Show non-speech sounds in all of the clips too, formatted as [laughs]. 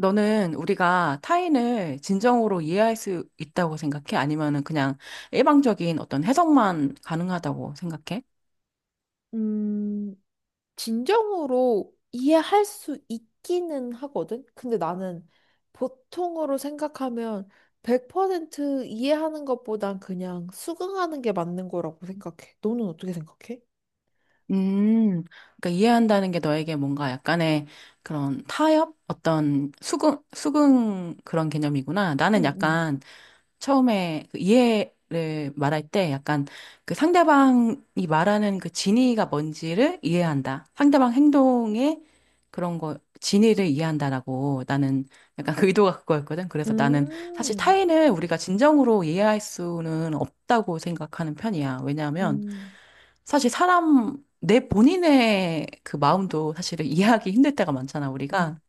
너는 우리가 타인을 진정으로 이해할 수 있다고 생각해? 아니면은 그냥 일방적인 어떤 해석만 가능하다고 생각해? 음, 진정으로 이해할 수 있기는 하거든? 근데 나는 보통으로 생각하면 100% 이해하는 것보단 그냥 수긍하는 게 맞는 거라고 생각해. 너는 어떻게 생각해? 음, 그러니까 이해한다는 게 너에게 뭔가 약간의 그런 타협? 어떤 수긍 그런 개념이구나. 응, 나는 응. 약간 처음에 그 이해를 말할 때 약간 그 상대방이 말하는 그 진의가 뭔지를 이해한다. 상대방 행동의 그런 거, 진의를 이해한다라고 나는 약간 그 의도가 그거였거든. 그래서 나는 사실 음, 타인을 우리가 진정으로 이해할 수는 없다고 생각하는 편이야. 왜냐하면 음, 사실 사람, 내 본인의 그 마음도 사실은 이해하기 힘들 때가 많잖아, 음. 우리가.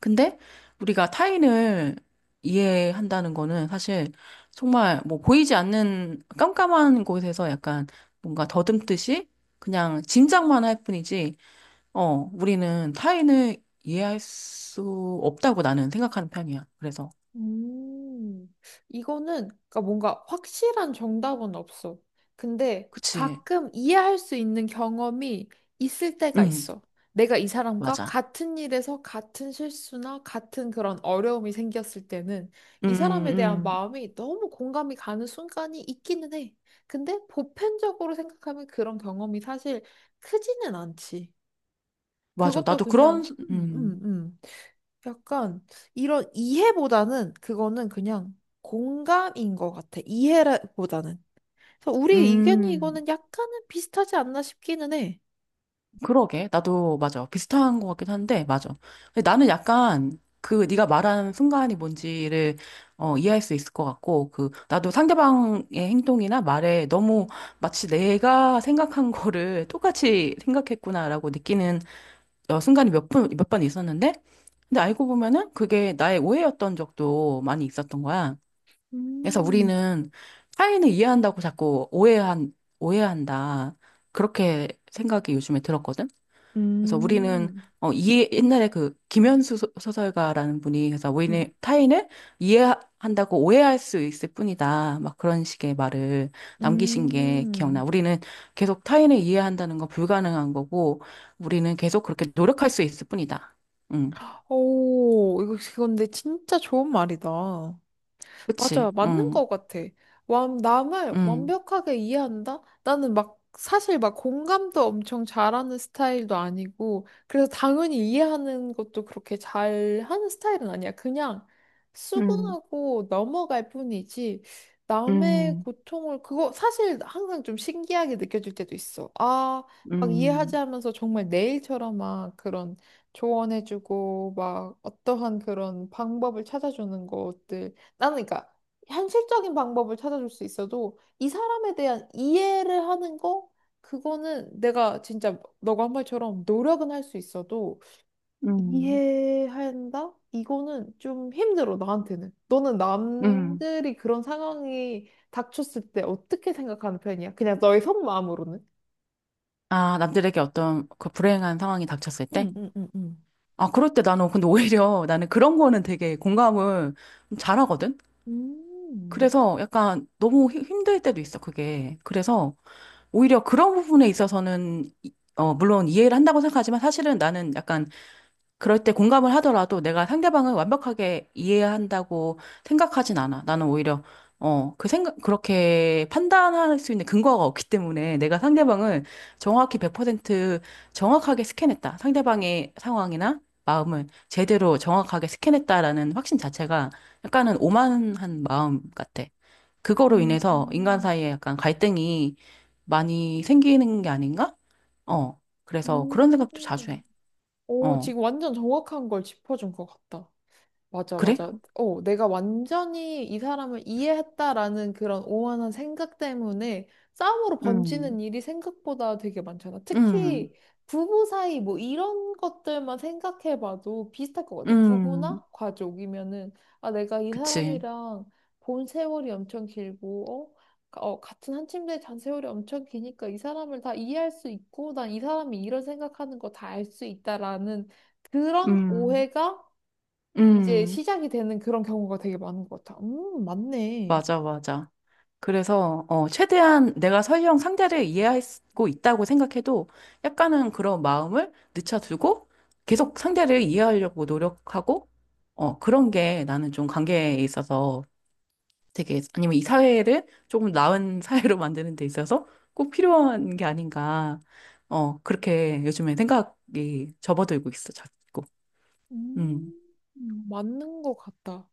근데 우리가 타인을 이해한다는 거는 사실 정말 뭐 보이지 않는 깜깜한 곳에서 약간 뭔가 더듬듯이 그냥 짐작만 할 뿐이지, 우리는 타인을 이해할 수 없다고 나는 생각하는 편이야. 그래서, 음, 이거는 그러니까 뭔가 확실한 정답은 없어. 근데 그치. 가끔 이해할 수 있는 경험이 있을 때가 응, 있어. 내가 이 사람과 맞아. 같은 일에서 같은 실수나 같은 그런 어려움이 생겼을 때는 음, 이 사람에 대한 음, 마음이 너무 공감이 가는 순간이 있기는 해. 근데 보편적으로 생각하면 그런 경험이 사실 크지는 않지. 맞아. 그것도 나도 그런, 그냥, 음, 약간 이런 이해보다는 그거는 그냥 공감인 것 같아. 이해보다는. 그래서 우리 의견이 음. 이거는 약간은 비슷하지 않나 싶기는 해. 그러게. 나도 맞아. 비슷한 것 같긴 한데, 맞아. 근데 나는 약간 그 네가 말한 순간이 뭔지를 이해할 수 있을 것 같고, 그 나도 상대방의 행동이나 말에 너무 마치 내가 생각한 거를 똑같이 생각했구나라고 느끼는 순간이 몇 번 있었는데, 근데 알고 보면은 그게 나의 오해였던 적도 많이 있었던 거야. 그래서 음, 우리는 타인을 이해한다고 자꾸 오해한다. 그렇게 생각이 요즘에 들었거든. 그래서 우리는 음, 어 이해 옛날에 그 김현수 소설가라는 분이 그래서 음. 우리는 타인을 이해한다고 오해할 수 있을 뿐이다. 막 그런 식의 말을 남기신 게 기억나. 음. 우리는 계속 타인을 이해한다는 건 불가능한 거고 우리는 계속 그렇게 노력할 수 있을 뿐이다. 응. 오, 이거 근데 진짜 좋은 말이다. 그치? 맞아요. 맞는 응. 것 같아. 남을 응. 완벽하게 이해한다? 나는 막, 사실 막 공감도 엄청 잘하는 스타일도 아니고, 그래서 당연히 이해하는 것도 그렇게 잘하는 스타일은 아니야. 그냥 응, 수긍하고 넘어갈 뿐이지, 남의 응, 고통을, 그거 사실 항상 좀 신기하게 느껴질 때도 있어. 아, 막 이해하지 응, 하면서 정말 내 일처럼 막 그런 조언해주고, 막 어떠한 그런 방법을 찾아주는 것들. 나는 그러니까 현실적인 방법을 찾아줄 수 있어도 이 사람에 대한 이해를 하는 거 그거는 내가 진짜 너가 한 말처럼 노력은 할 수 있어도 응. 이해한다? 이거는 좀 힘들어 나한테는. 너는 응. 남들이 그런 상황이 닥쳤을 때 어떻게 생각하는 편이야? 그냥 너의 속마음으로는? 아, 남들에게 어떤 그 불행한 상황이 닥쳤을 때? 응, 응, 응, 응. 아, 그럴 때 나는 근데 오히려 나는 그런 거는 되게 공감을 좀 잘하거든? 음. 그래서 약간 너무 힘들 때도 있어, 그게. 그래서 오히려 그런 부분에 있어서는, 물론 이해를 한다고 생각하지만 사실은 나는 약간 그럴 때 공감을 하더라도 내가 상대방을 완벽하게 이해한다고 생각하진 않아. 나는 오히려, 그렇게 판단할 수 있는 근거가 없기 때문에 내가 상대방을 정확히 100% 정확하게 스캔했다. 상대방의 상황이나 마음을 제대로 정확하게 스캔했다라는 확신 자체가 약간은 오만한 마음 같아. 그거로 인해서 인간 음, 사이에 약간 갈등이 많이 생기는 게 아닌가? 어, 그래서 그런 생각도 자주 음. 해. 오, 어. 지금 완전 정확한 걸 짚어준 것 같다. 맞아, 그래? 맞아. 어, 내가 완전히 이 사람을 이해했다라는 그런 오만한 생각 때문에 싸움으로 음, 번지는 일이 생각보다 되게 많잖아. 특히 음, 부부 사이 뭐 이런 것들만 생각해봐도 비슷할 것 같아. 부부나 음, 가족이면은, 아, 내가 이 그치. 사람이랑 본 세월이 엄청 길고, 어? 어, 같은 한 침대에 잔 세월이 엄청 기니까 이 사람을 다 이해할 수 있고, 난 이 사람이 이런 생각하는 거 다 알 수 있다라는 그런 음, 오해가 이제 음, 시작이 되는 그런 경우가 되게 많은 것 같아. 맞네. 맞아, 맞아. 그래서, 최대한 내가 설령 상대를 이해하고 있다고 생각해도 약간은 그런 마음을 늦춰두고 계속 상대를 이해하려고 노력하고, 그런 게 나는 좀 관계에 있어서 되게, 아니면 이 사회를 조금 나은 [laughs] 사회로 만드는 데 있어서 꼭 필요한 게 아닌가. 그렇게 요즘에 생각이 접어들고 있어, 자꾸. 음. 음, 맞는 것 같다.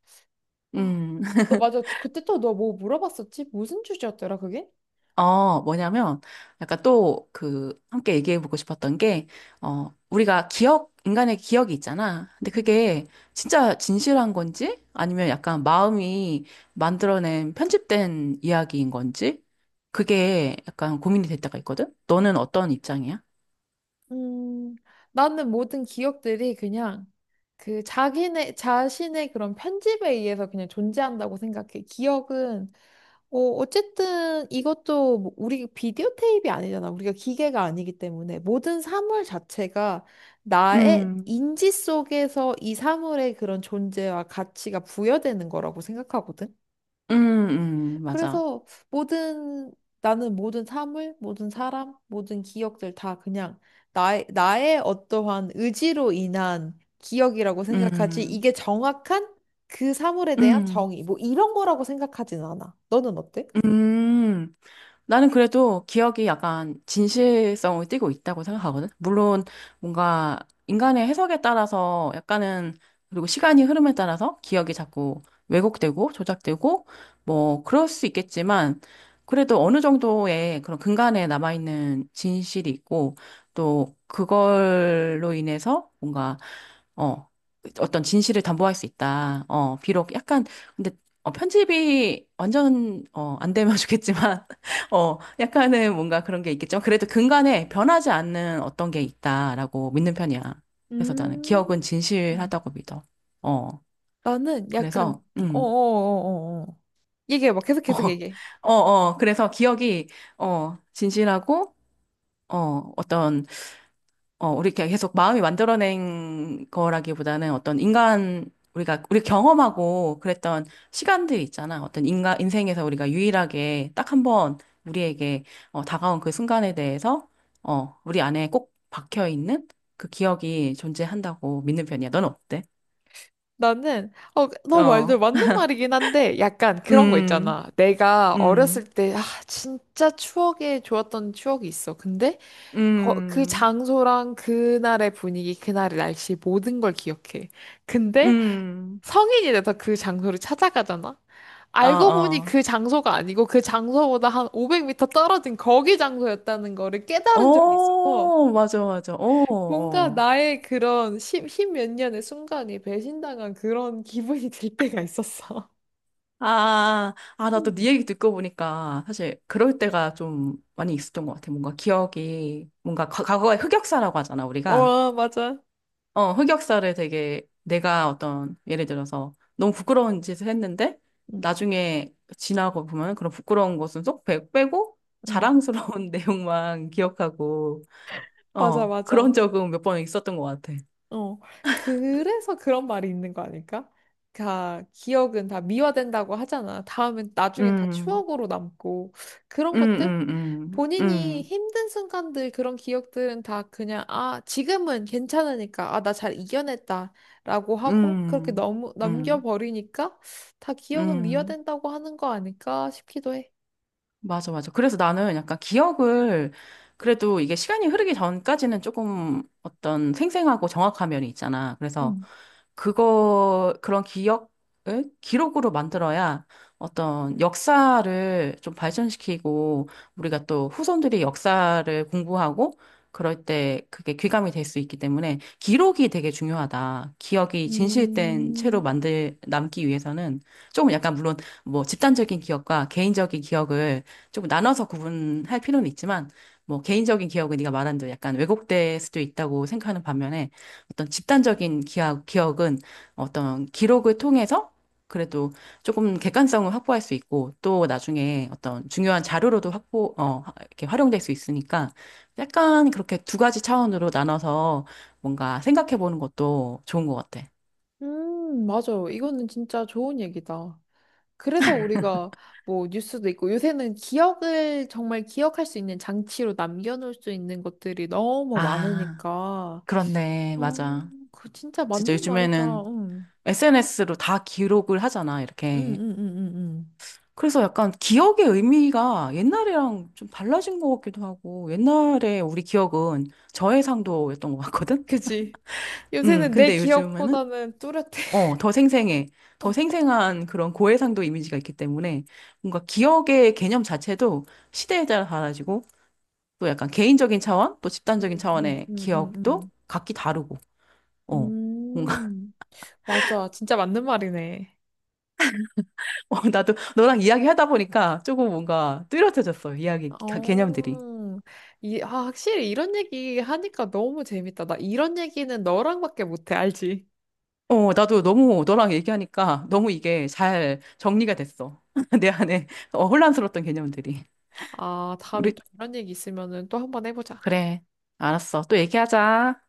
아, 음, 너 [laughs] 맞아. 그때 또 너 뭐 물어봤었지? 무슨 주제였더라, 그게? 뭐냐면, 약간 또 그, 함께 얘기해보고 싶었던 게, 우리가 인간의 기억이 있잖아. 근데 그게 진짜 진실한 건지, 아니면 약간 마음이 만들어낸 편집된 이야기인 건지, 그게 약간 고민이 될 때가 있거든? 너는 어떤 입장이야? 음, 나는 모든 기억들이 그냥 그 자기네, 자신의 그런 편집에 의해서 그냥 존재한다고 생각해. 기억은, 어, 어쨌든 이것도 뭐 우리 비디오 테이프이 아니잖아. 우리가 기계가 아니기 때문에 모든 사물 자체가 나의 음, 인지 속에서 이 사물의 그런 존재와 가치가 부여되는 거라고 생각하거든. 음, 맞아. 그래서 모든 나는 모든 사물, 모든 사람, 모든 기억들 다 그냥 나의, 나의 어떠한 의지로 인한 기억이라고 생각하지 음, 이게 정확한 그 사물에 대한 음, 정의 뭐 이런 거라고 생각하진 않아. 너는 어때? 음. 나는 그래도 기억이 약간 진실성을 띠고 있다고 생각하거든. 물론 뭔가 인간의 해석에 따라서 약간은 그리고 시간이 흐름에 따라서 기억이 자꾸 왜곡되고 조작되고 뭐 그럴 수 있겠지만 그래도 어느 정도의 그런 근간에 남아있는 진실이 있고 또 그걸로 인해서 뭔가 어, 어떤 진실을 담보할 수 있다. 비록 약간, 근데, 편집이 완전, 안 되면 [laughs] 좋겠지만, 약간은 뭔가 그런 게 있겠죠. 그래도 근간에 변하지 않는 어떤 게 있다라고 믿는 편이야. 그래서 나는 음. 기억은 진실하다고 믿어. 어, 나는 약간 그래서, 어어어어 얘기해봐 계속 [laughs] 계속 얘기해. 그래서 기억이, 진실하고, 어, 어떤 우리 이렇게 계속 마음이 만들어낸 거라기보다는 어떤 인간, 우리 경험하고 그랬던 시간들이 있잖아. 어떤 인생에서 우리가 유일하게 딱 한번 우리에게 다가온 그 순간에 대해서, 우리 안에 꼭 박혀있는 그 기억이 존재한다고 믿는 편이야. 넌 어때? 나는 어, 너 말도 어, 맞는 말이긴 한데 약간 그런 거 음, 있잖아. 내가 음, 어렸을 때 아, 진짜 추억에 좋았던 추억이 있어. 근데 그 음, 장소랑 그날의 분위기, 그날의 날씨 모든 걸 기억해. 근데 음, 성인이 돼서 그 장소를 찾아가잖아. 어, 알고 보니 어. 그 장소가 아니고 그 장소보다 한 500m 떨어진 거기 장소였다는 거를 깨달은 적이 있어서 오, 맞아, 맞아. 오, 뭔가 어. 나의 그런 십몇 년의 순간이 배신당한 그런 [laughs] 기분이 들 때가 있었어. 아, 아, [laughs] 나 또 네 음. 얘기 듣고 보니까 사실 그럴 때가 좀 많이 있었던 것 같아. 뭔가 기억이, 뭔가 과거의 흑역사라고 하잖아, 우리가. 어, 맞아. 흑역사를 되게 내가 어떤, 예를 들어서 너무 부끄러운 짓을 했는데 응, 나중에 지나고 보면 그런 부끄러운 것은 쏙 빼고 응. 자랑스러운 [laughs] 내용만 기억하고, 맞아, 그런 맞아. 적은 몇 번 있었던 것 같아. 어, 그래서 그런 말이 있는 거 아닐까? 다 기억은 다 미화된다고 하잖아. 다음엔 나중엔 다 음, 추억으로 남고 그런 음, 것들? 음, 음, 본인이 음, 힘든 순간들 그런 기억들은 다 그냥 아, 지금은 괜찮으니까 아, 나 잘 이겨냈다라고 하고 그렇게 음, 너무 음, 넘겨버리니까 다 기억은 음. 미화된다고 하는 거 아닐까 싶기도 해. 맞아, 맞아. 그래서 나는 약간 기억을 그래도 이게 시간이 흐르기 전까지는 조금 어떤 생생하고 정확한 면이 있잖아. 그래서 음. 그런 기억을 기록으로 만들어야 어떤 역사를 좀 발전시키고 우리가 또 후손들이 역사를 공부하고 그럴 때 그게 귀감이 될 수 있기 때문에 기록이 되게 중요하다. 기억이 진실된 음, 채로 남기 위해서는 조금 약간 물론 뭐 집단적인 기억과 개인적인 기억을 조금 나눠서 구분할 필요는 있지만 뭐 개인적인 기억은 네가 말한 대로 약간 왜곡될 수도 있다고 생각하는 반면에 어떤 집단적인 기억은 어떤 기록을 통해서 그래도 조금 객관성을 확보할 수 있고 또 나중에 어떤 중요한 자료로도 확보 이렇게 활용될 수 있으니까 약간 그렇게 두 가지 차원으로 나눠서 뭔가 생각해 보는 것도 좋은 것 같아. 맞아. 이거는 진짜 좋은 얘기다. 그래서 우리가 뭐 뉴스도 있고 요새는 기억을 정말 기억할 수 있는 장치로 남겨놓을 수 있는 것들이 너무 아, 많으니까. 그렇네. 어, 맞아. 그 진짜 진짜 맞는 말이다. 요즘에는 응, SNS로 다 기록을 하잖아, 응, 이렇게. 응, 응, 응. 응. 그래서 약간 기억의 의미가 옛날이랑 좀 달라진 것 같기도 하고, 옛날에 우리 기억은 저해상도였던 것 같거든? 그지? 요새는 내 근데 요즘에는, 기억보다는 뚜렷해. 더 생생해. [laughs] 더 어, 생생한 그런 고해상도 이미지가 있기 때문에 뭔가 기억의 개념 자체도 시대에 따라 달라지고, 또 약간 개인적인 차원, 또 응, 집단적인 응, 차원의 응, 응, 기억도 응. 각기 다르고, 어. 뭔가, 음, 맞아. 진짜 맞는 말이네. [laughs] 나도 너랑 이야기 하다 보니까 조금 뭔가 뚜렷해졌어, 개념들이. 어, 이, 아, 확실히 이런 얘기 하니까 너무 재밌다. 나 이런 얘기는 너랑밖에 못해, 알지? 나도 너무 너랑 얘기하니까 너무 이게 잘 정리가 됐어. [laughs] 내 안에 혼란스러웠던 개념들이. 아, 다음에 우리, 또 이런 얘기 있으면은 또 한번 해보자. 그래. 알았어. 또 얘기하자.